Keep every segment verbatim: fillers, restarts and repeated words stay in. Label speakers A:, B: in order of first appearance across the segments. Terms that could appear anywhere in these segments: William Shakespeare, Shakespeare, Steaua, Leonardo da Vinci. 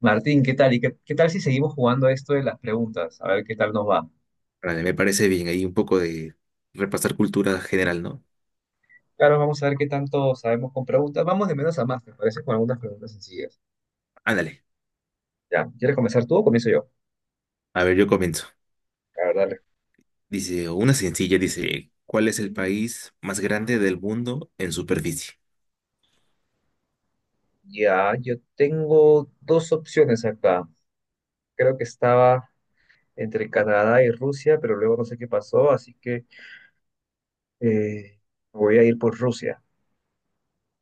A: Martín, ¿qué tal? ¿Y qué, qué tal si seguimos jugando esto de las preguntas? A ver qué tal nos va.
B: Vale, me parece bien, ahí un poco de repasar cultura general, ¿no?
A: Claro, vamos a ver qué tanto sabemos con preguntas. Vamos de menos a más, me parece, con algunas preguntas sencillas.
B: Ándale,
A: Ya, ¿quieres comenzar tú o comienzo yo?
B: a ver, yo comienzo.
A: A ver, dale.
B: Dice, una sencilla, dice, ¿cuál es el país más grande del mundo en superficie?
A: Ya, yo tengo dos opciones acá. Creo que estaba entre Canadá y Rusia, pero luego no sé qué pasó, así que eh, voy a ir por Rusia.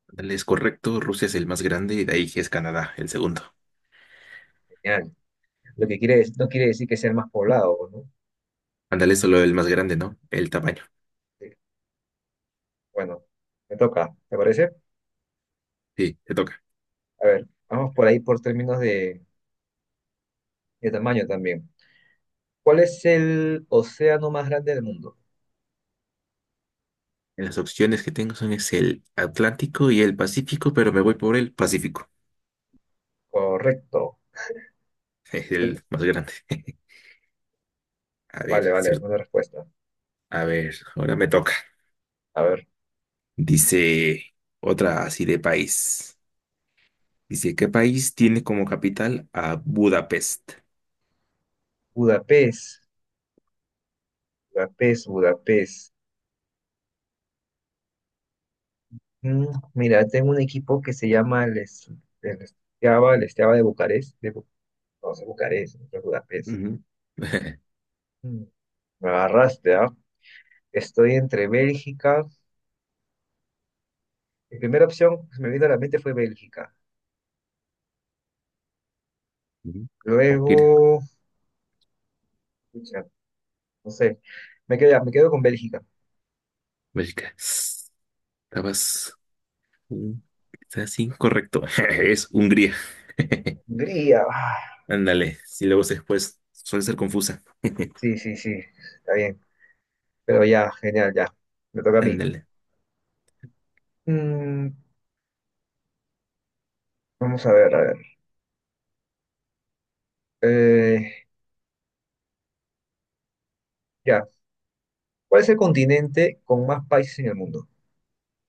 B: Ándale, es correcto, Rusia es el más grande y de ahí es Canadá, el segundo.
A: Genial. Lo que quiere, no quiere decir que sea el más poblado, ¿no?
B: Ándale, solo el más grande, ¿no? El tamaño.
A: Sí. Bueno, me toca, ¿te parece?
B: Sí, te toca.
A: A ver, vamos por ahí por términos de de tamaño también. ¿Cuál es el océano más grande del mundo?
B: Las opciones que tengo son es el Atlántico y el Pacífico, pero me voy por el Pacífico,
A: Correcto.
B: es el más grande. A ver,
A: Vale, vale,
B: cierto.
A: buena respuesta.
B: A ver, ahora me toca.
A: A ver,
B: Dice otra así de país. Dice, ¿qué país tiene como capital a Budapest?
A: Budapest, Budapest, Budapest. Mm, mira, tengo un equipo que se llama el, Es- el Steaua, el Steaua de Bucarest, de Bu- no sé, Bucarest, no sé, Budapest.
B: Ujú.
A: Mm, me agarraste, ¿ah? Estoy entre Bélgica. Mi primera opción que se me vino a la mente fue Bélgica.
B: Ujú. Oh, mira,
A: Luego, pucha, no sé, me quedo, me quedo con Bélgica.
B: Bélgica. Estabas mm, quizás incorrecto. Es Hungría.
A: Hungría. ah,
B: Ándale, si luego después suele ser confusa.
A: Sí, sí, sí, está bien. Pero ya, genial, ya. Me toca a mí.
B: Ándale.
A: Mm, vamos a ver, a ver. Eh, ya. ¿Cuál es el continente con más países en el mundo?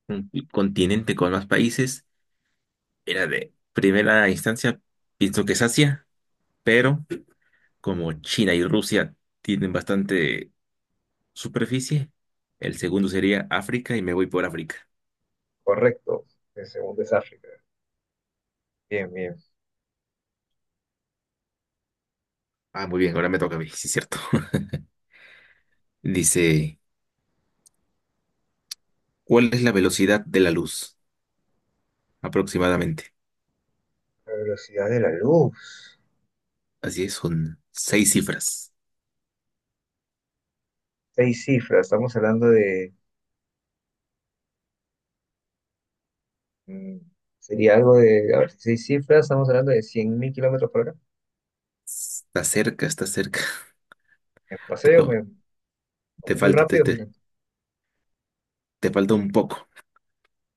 B: Un continente con más países era de primera instancia, pienso que es Asia, pero como China y Rusia tienen bastante superficie, el segundo sería África y me voy por África.
A: Correcto. El segundo es África. Bien, bien.
B: Ah, muy bien, ahora me toca a mí, sí es cierto. Dice, ¿cuál es la velocidad de la luz? Aproximadamente.
A: La velocidad de la luz.
B: Así es, son seis cifras.
A: Seis cifras. Estamos hablando de mm, sería algo de. A ver, seis cifras. Estamos hablando de cien mil kilómetros por hora.
B: Está cerca, está cerca.
A: Me paseo,
B: Te,
A: me,
B: te
A: muy
B: falta, te,
A: rápido, me-
B: te,
A: un
B: te falta un poco,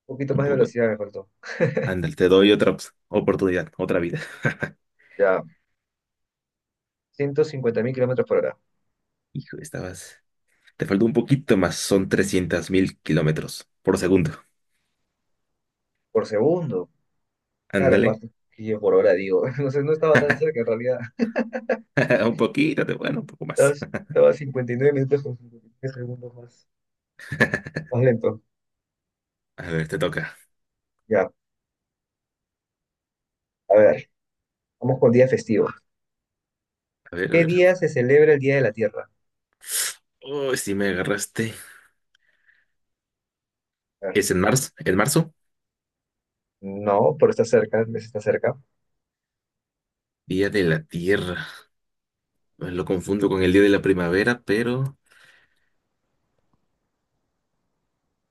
A: poquito
B: un
A: más de
B: poco.
A: velocidad me faltó.
B: Ándale, te doy otra ops- oportunidad, otra vida.
A: Ya. Ciento cincuenta mil kilómetros por hora.
B: Hijo, estabas. Te faltó un poquito más, son trescientos mil kilómetros por segundo.
A: Por segundo. Claro, fue
B: Ándale.
A: hasta yo por hora, digo. No sé, no estaba tan cerca en realidad.
B: Un poquito, te- bueno, un poco
A: Estaba,
B: más.
A: estaba cincuenta y nueve minutos con cincuenta y nueve segundos más, más lento.
B: A ver, te toca.
A: Ya, a ver, vamos con día festivo.
B: A ver, a
A: ¿Qué
B: ver.
A: día se celebra el Día de la Tierra?
B: Uy, si me agarraste.
A: A ver,
B: Es en marzo, en marzo,
A: no, pero está cerca, el mes está cerca.
B: Día de la Tierra. Bueno, lo confundo con el Día de la Primavera, pero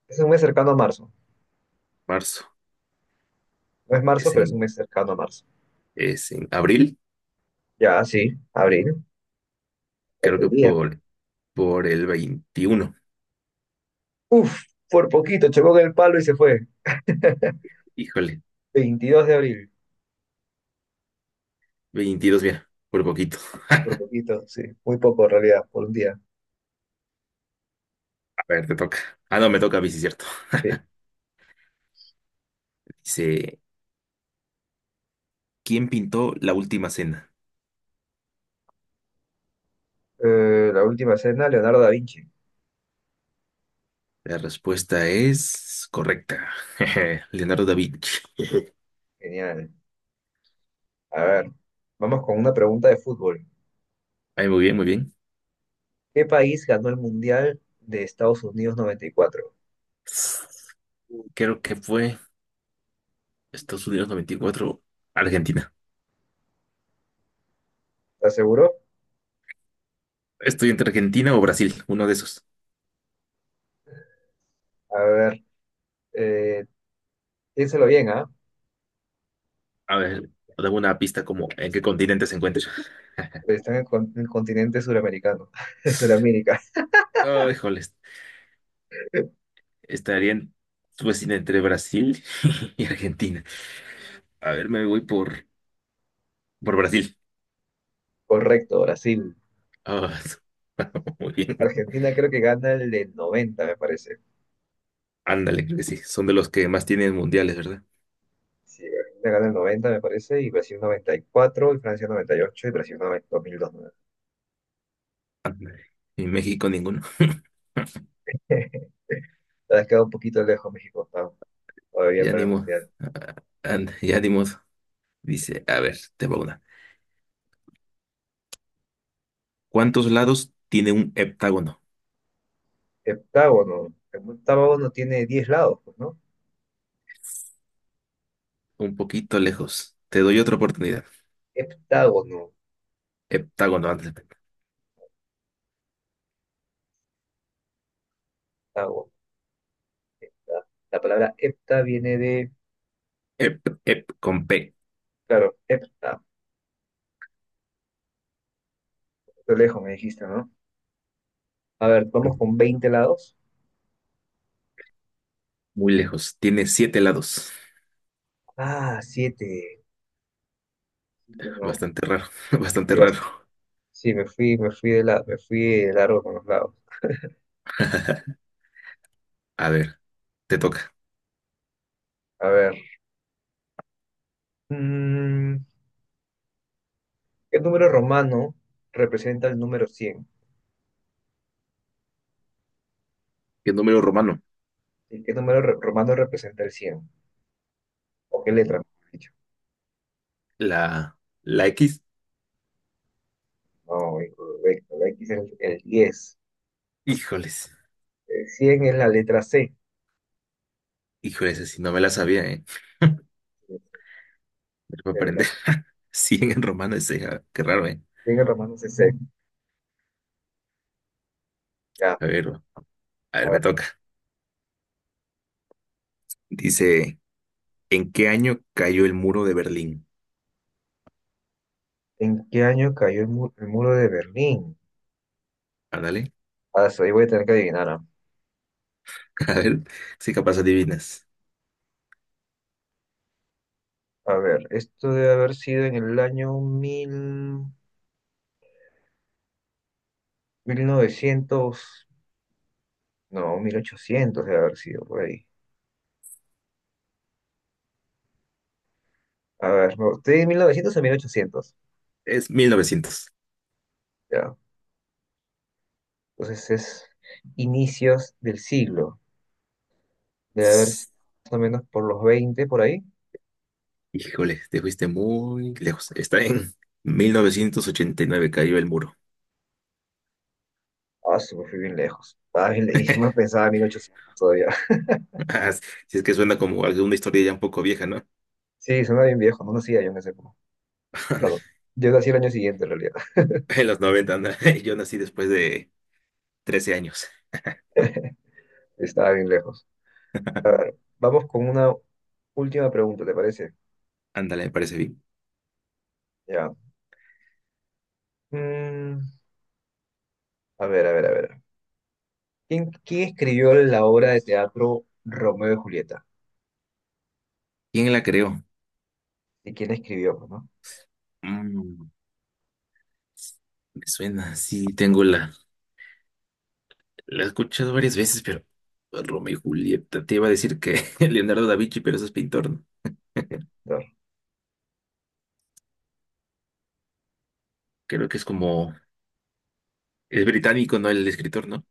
A: Es un mes cercano a marzo.
B: marzo.
A: No es marzo,
B: Es
A: pero es un
B: en,
A: mes cercano a marzo.
B: es en abril,
A: Ya, sí, abril,
B: creo
A: falta el
B: que
A: día.
B: por, por el veintiuno.
A: Uf, por poquito, chocó con el palo y se fue.
B: Híjole,
A: veintidós de abril,
B: veintidós, mira, por poquito.
A: por poquito, sí, muy poco en realidad, por un día.
B: A ver, te toca. Ah, no, me toca a mí, sí, cierto.
A: Sí.
B: Dice, ¿quién pintó la última cena?
A: Eh, la última cena, Leonardo da Vinci.
B: La respuesta es correcta. Leonardo da Vinci.
A: Genial. A ver, vamos con una pregunta de fútbol.
B: Ay, muy bien, muy bien.
A: ¿Qué país ganó el Mundial de Estados Unidos noventa y cuatro?
B: Creo que fue Estados Unidos noventa y cuatro, Argentina.
A: ¿Estás seguro?
B: Estoy entre Argentina o Brasil, uno de esos.
A: A ver, eh, piénsalo bien, ¿ah?
B: A ver, dame una pista como en qué continente se encuentra.
A: Están en el, con- en el continente suramericano, de Suramérica.
B: Oh, híjoles, estaría en- pues, sí, entre Brasil y Argentina. A ver, me voy por, por Brasil.
A: Correcto, Brasil.
B: Ah, muy bien.
A: Argentina creo que gana el del noventa, me parece.
B: Ándale, creo que sí. Son de los que más tienen mundiales, ¿verdad?
A: Sí, Argentina gana el noventa, me parece, y Brasil noventa y cuatro, y Francia noventa y ocho y Brasil noventa dos mil dos.
B: Ándale. Y México ninguno.
A: Te has quedado un poquito lejos, México, octavo, todavía
B: Ya
A: para
B: ni
A: el
B: modo.
A: Mundial.
B: Ah, ándale, ya ni modo. Dice, a ver, te va una. ¿Cuántos lados tiene un heptágono?
A: Heptágono. El octágono tiene diez lados, pues, ¿no?
B: Un poquito lejos. Te doy otra oportunidad.
A: heptágono,
B: Heptágono antes de P.
A: heptágono, La, la palabra hepta viene de,
B: Hep, hep, con P.
A: claro, hepta, lo lejos me dijiste, ¿no? A ver, vamos con veinte lados.
B: Muy lejos. Tiene siete lados.
A: Ah, siete. No,
B: Bastante raro, bastante
A: sí, basta.
B: raro.
A: Sí, me fui, me fui de la, me fui de largo con los lados.
B: A ver, te toca.
A: A ver. mm, ¿qué número romano representa el número cien?
B: ¿Qué número romano?
A: ¿Y qué número re- romano representa el cien? ¿O qué letra, mejor dicho?
B: La, la X.
A: No, incorrecto. La X es el, el diez.
B: Híjoles,
A: El cien es la letra C.
B: híjoles, así no me la sabía, ¿eh? Me la voy a
A: Eh, La
B: aprender. Cien en romano, ese, ah, qué raro, ¿eh?
A: cien en romano es C. Ya.
B: A ver, a ver, me toca. Dice, ¿en qué año cayó el muro de Berlín?
A: ¿En qué año cayó el, mu- el muro de Berlín?
B: Ándale.
A: Ah, eso ahí voy a tener que adivinar, ah.
B: A ver, si capaz adivinas.
A: A ver, esto debe haber sido en el año mil, mil novecientos, no, mil ochocientos debe haber sido por ahí. A ver, no, estoy en mil novecientos o mil ochocientos,
B: Es mil novecientos.
A: ya. Entonces es inicios del siglo, debe haber sido más o menos por los veinte por ahí.
B: Híjole, te fuiste muy lejos. Está en mil novecientos ochenta y nueve cayó el muro.
A: Ah, sí, me fui bien lejos. Ah, bien le- y si me pensaba mil ochocientos todavía.
B: Ah, si es que suena como alguna historia ya un poco vieja, ¿no?
A: Sí, suena bien viejo, no nacía yo en ese época. Bueno, yo nací el año siguiente en realidad,
B: En los noventa, anda. Yo nací después de trece años.
A: estaba bien lejos. A ver, vamos con una última pregunta, ¿te parece?
B: Ándale, me parece bien.
A: Ya. Mm, a ver, a ver, a ver. ¿Quién, quién escribió la obra de teatro Romeo y Julieta?
B: ¿Quién la creó?
A: ¿Y quién la escribió, pues, no?
B: Mm, me suena, sí, tengo la... La he escuchado varias veces, pero... Romeo y Julieta, te iba a decir que Leonardo da Vinci, pero eso es pintor, ¿no?
A: A ver.
B: Creo que es como... Es británico, ¿no? El escritor, ¿no?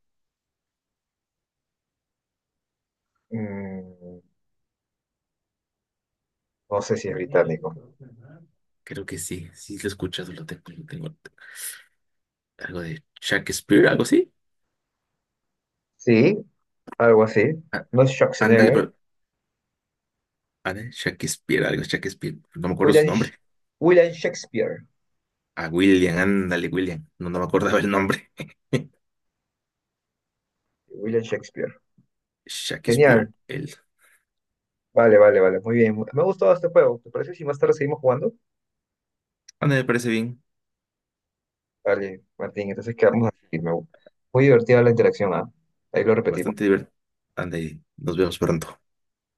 A: Mm, no sé si es británico.
B: Creo que sí, sí lo he escuchado, lo tengo, lo tengo. Algo de Shakespeare, algo así.
A: Sí, algo así.
B: Ah,
A: No es
B: ándale,
A: Schwarzenegger.
B: pero ándale, Shakespeare, algo Shakespeare. No me acuerdo su
A: William, Sh-
B: nombre.
A: William Shakespeare.
B: A William, ándale, William. No, no me acordaba el nombre.
A: William Shakespeare. Genial.
B: Shakespeare, él.
A: Vale, vale, vale. Muy bien. Me ha gustado este juego. ¿Te parece si más tarde seguimos jugando?
B: Ándale, me parece bien.
A: Vale, Martín. Entonces quedamos así. Me- muy divertida la interacción, ¿ah? Ahí lo repetimos.
B: Bastante divertido. Ándale, nos vemos pronto.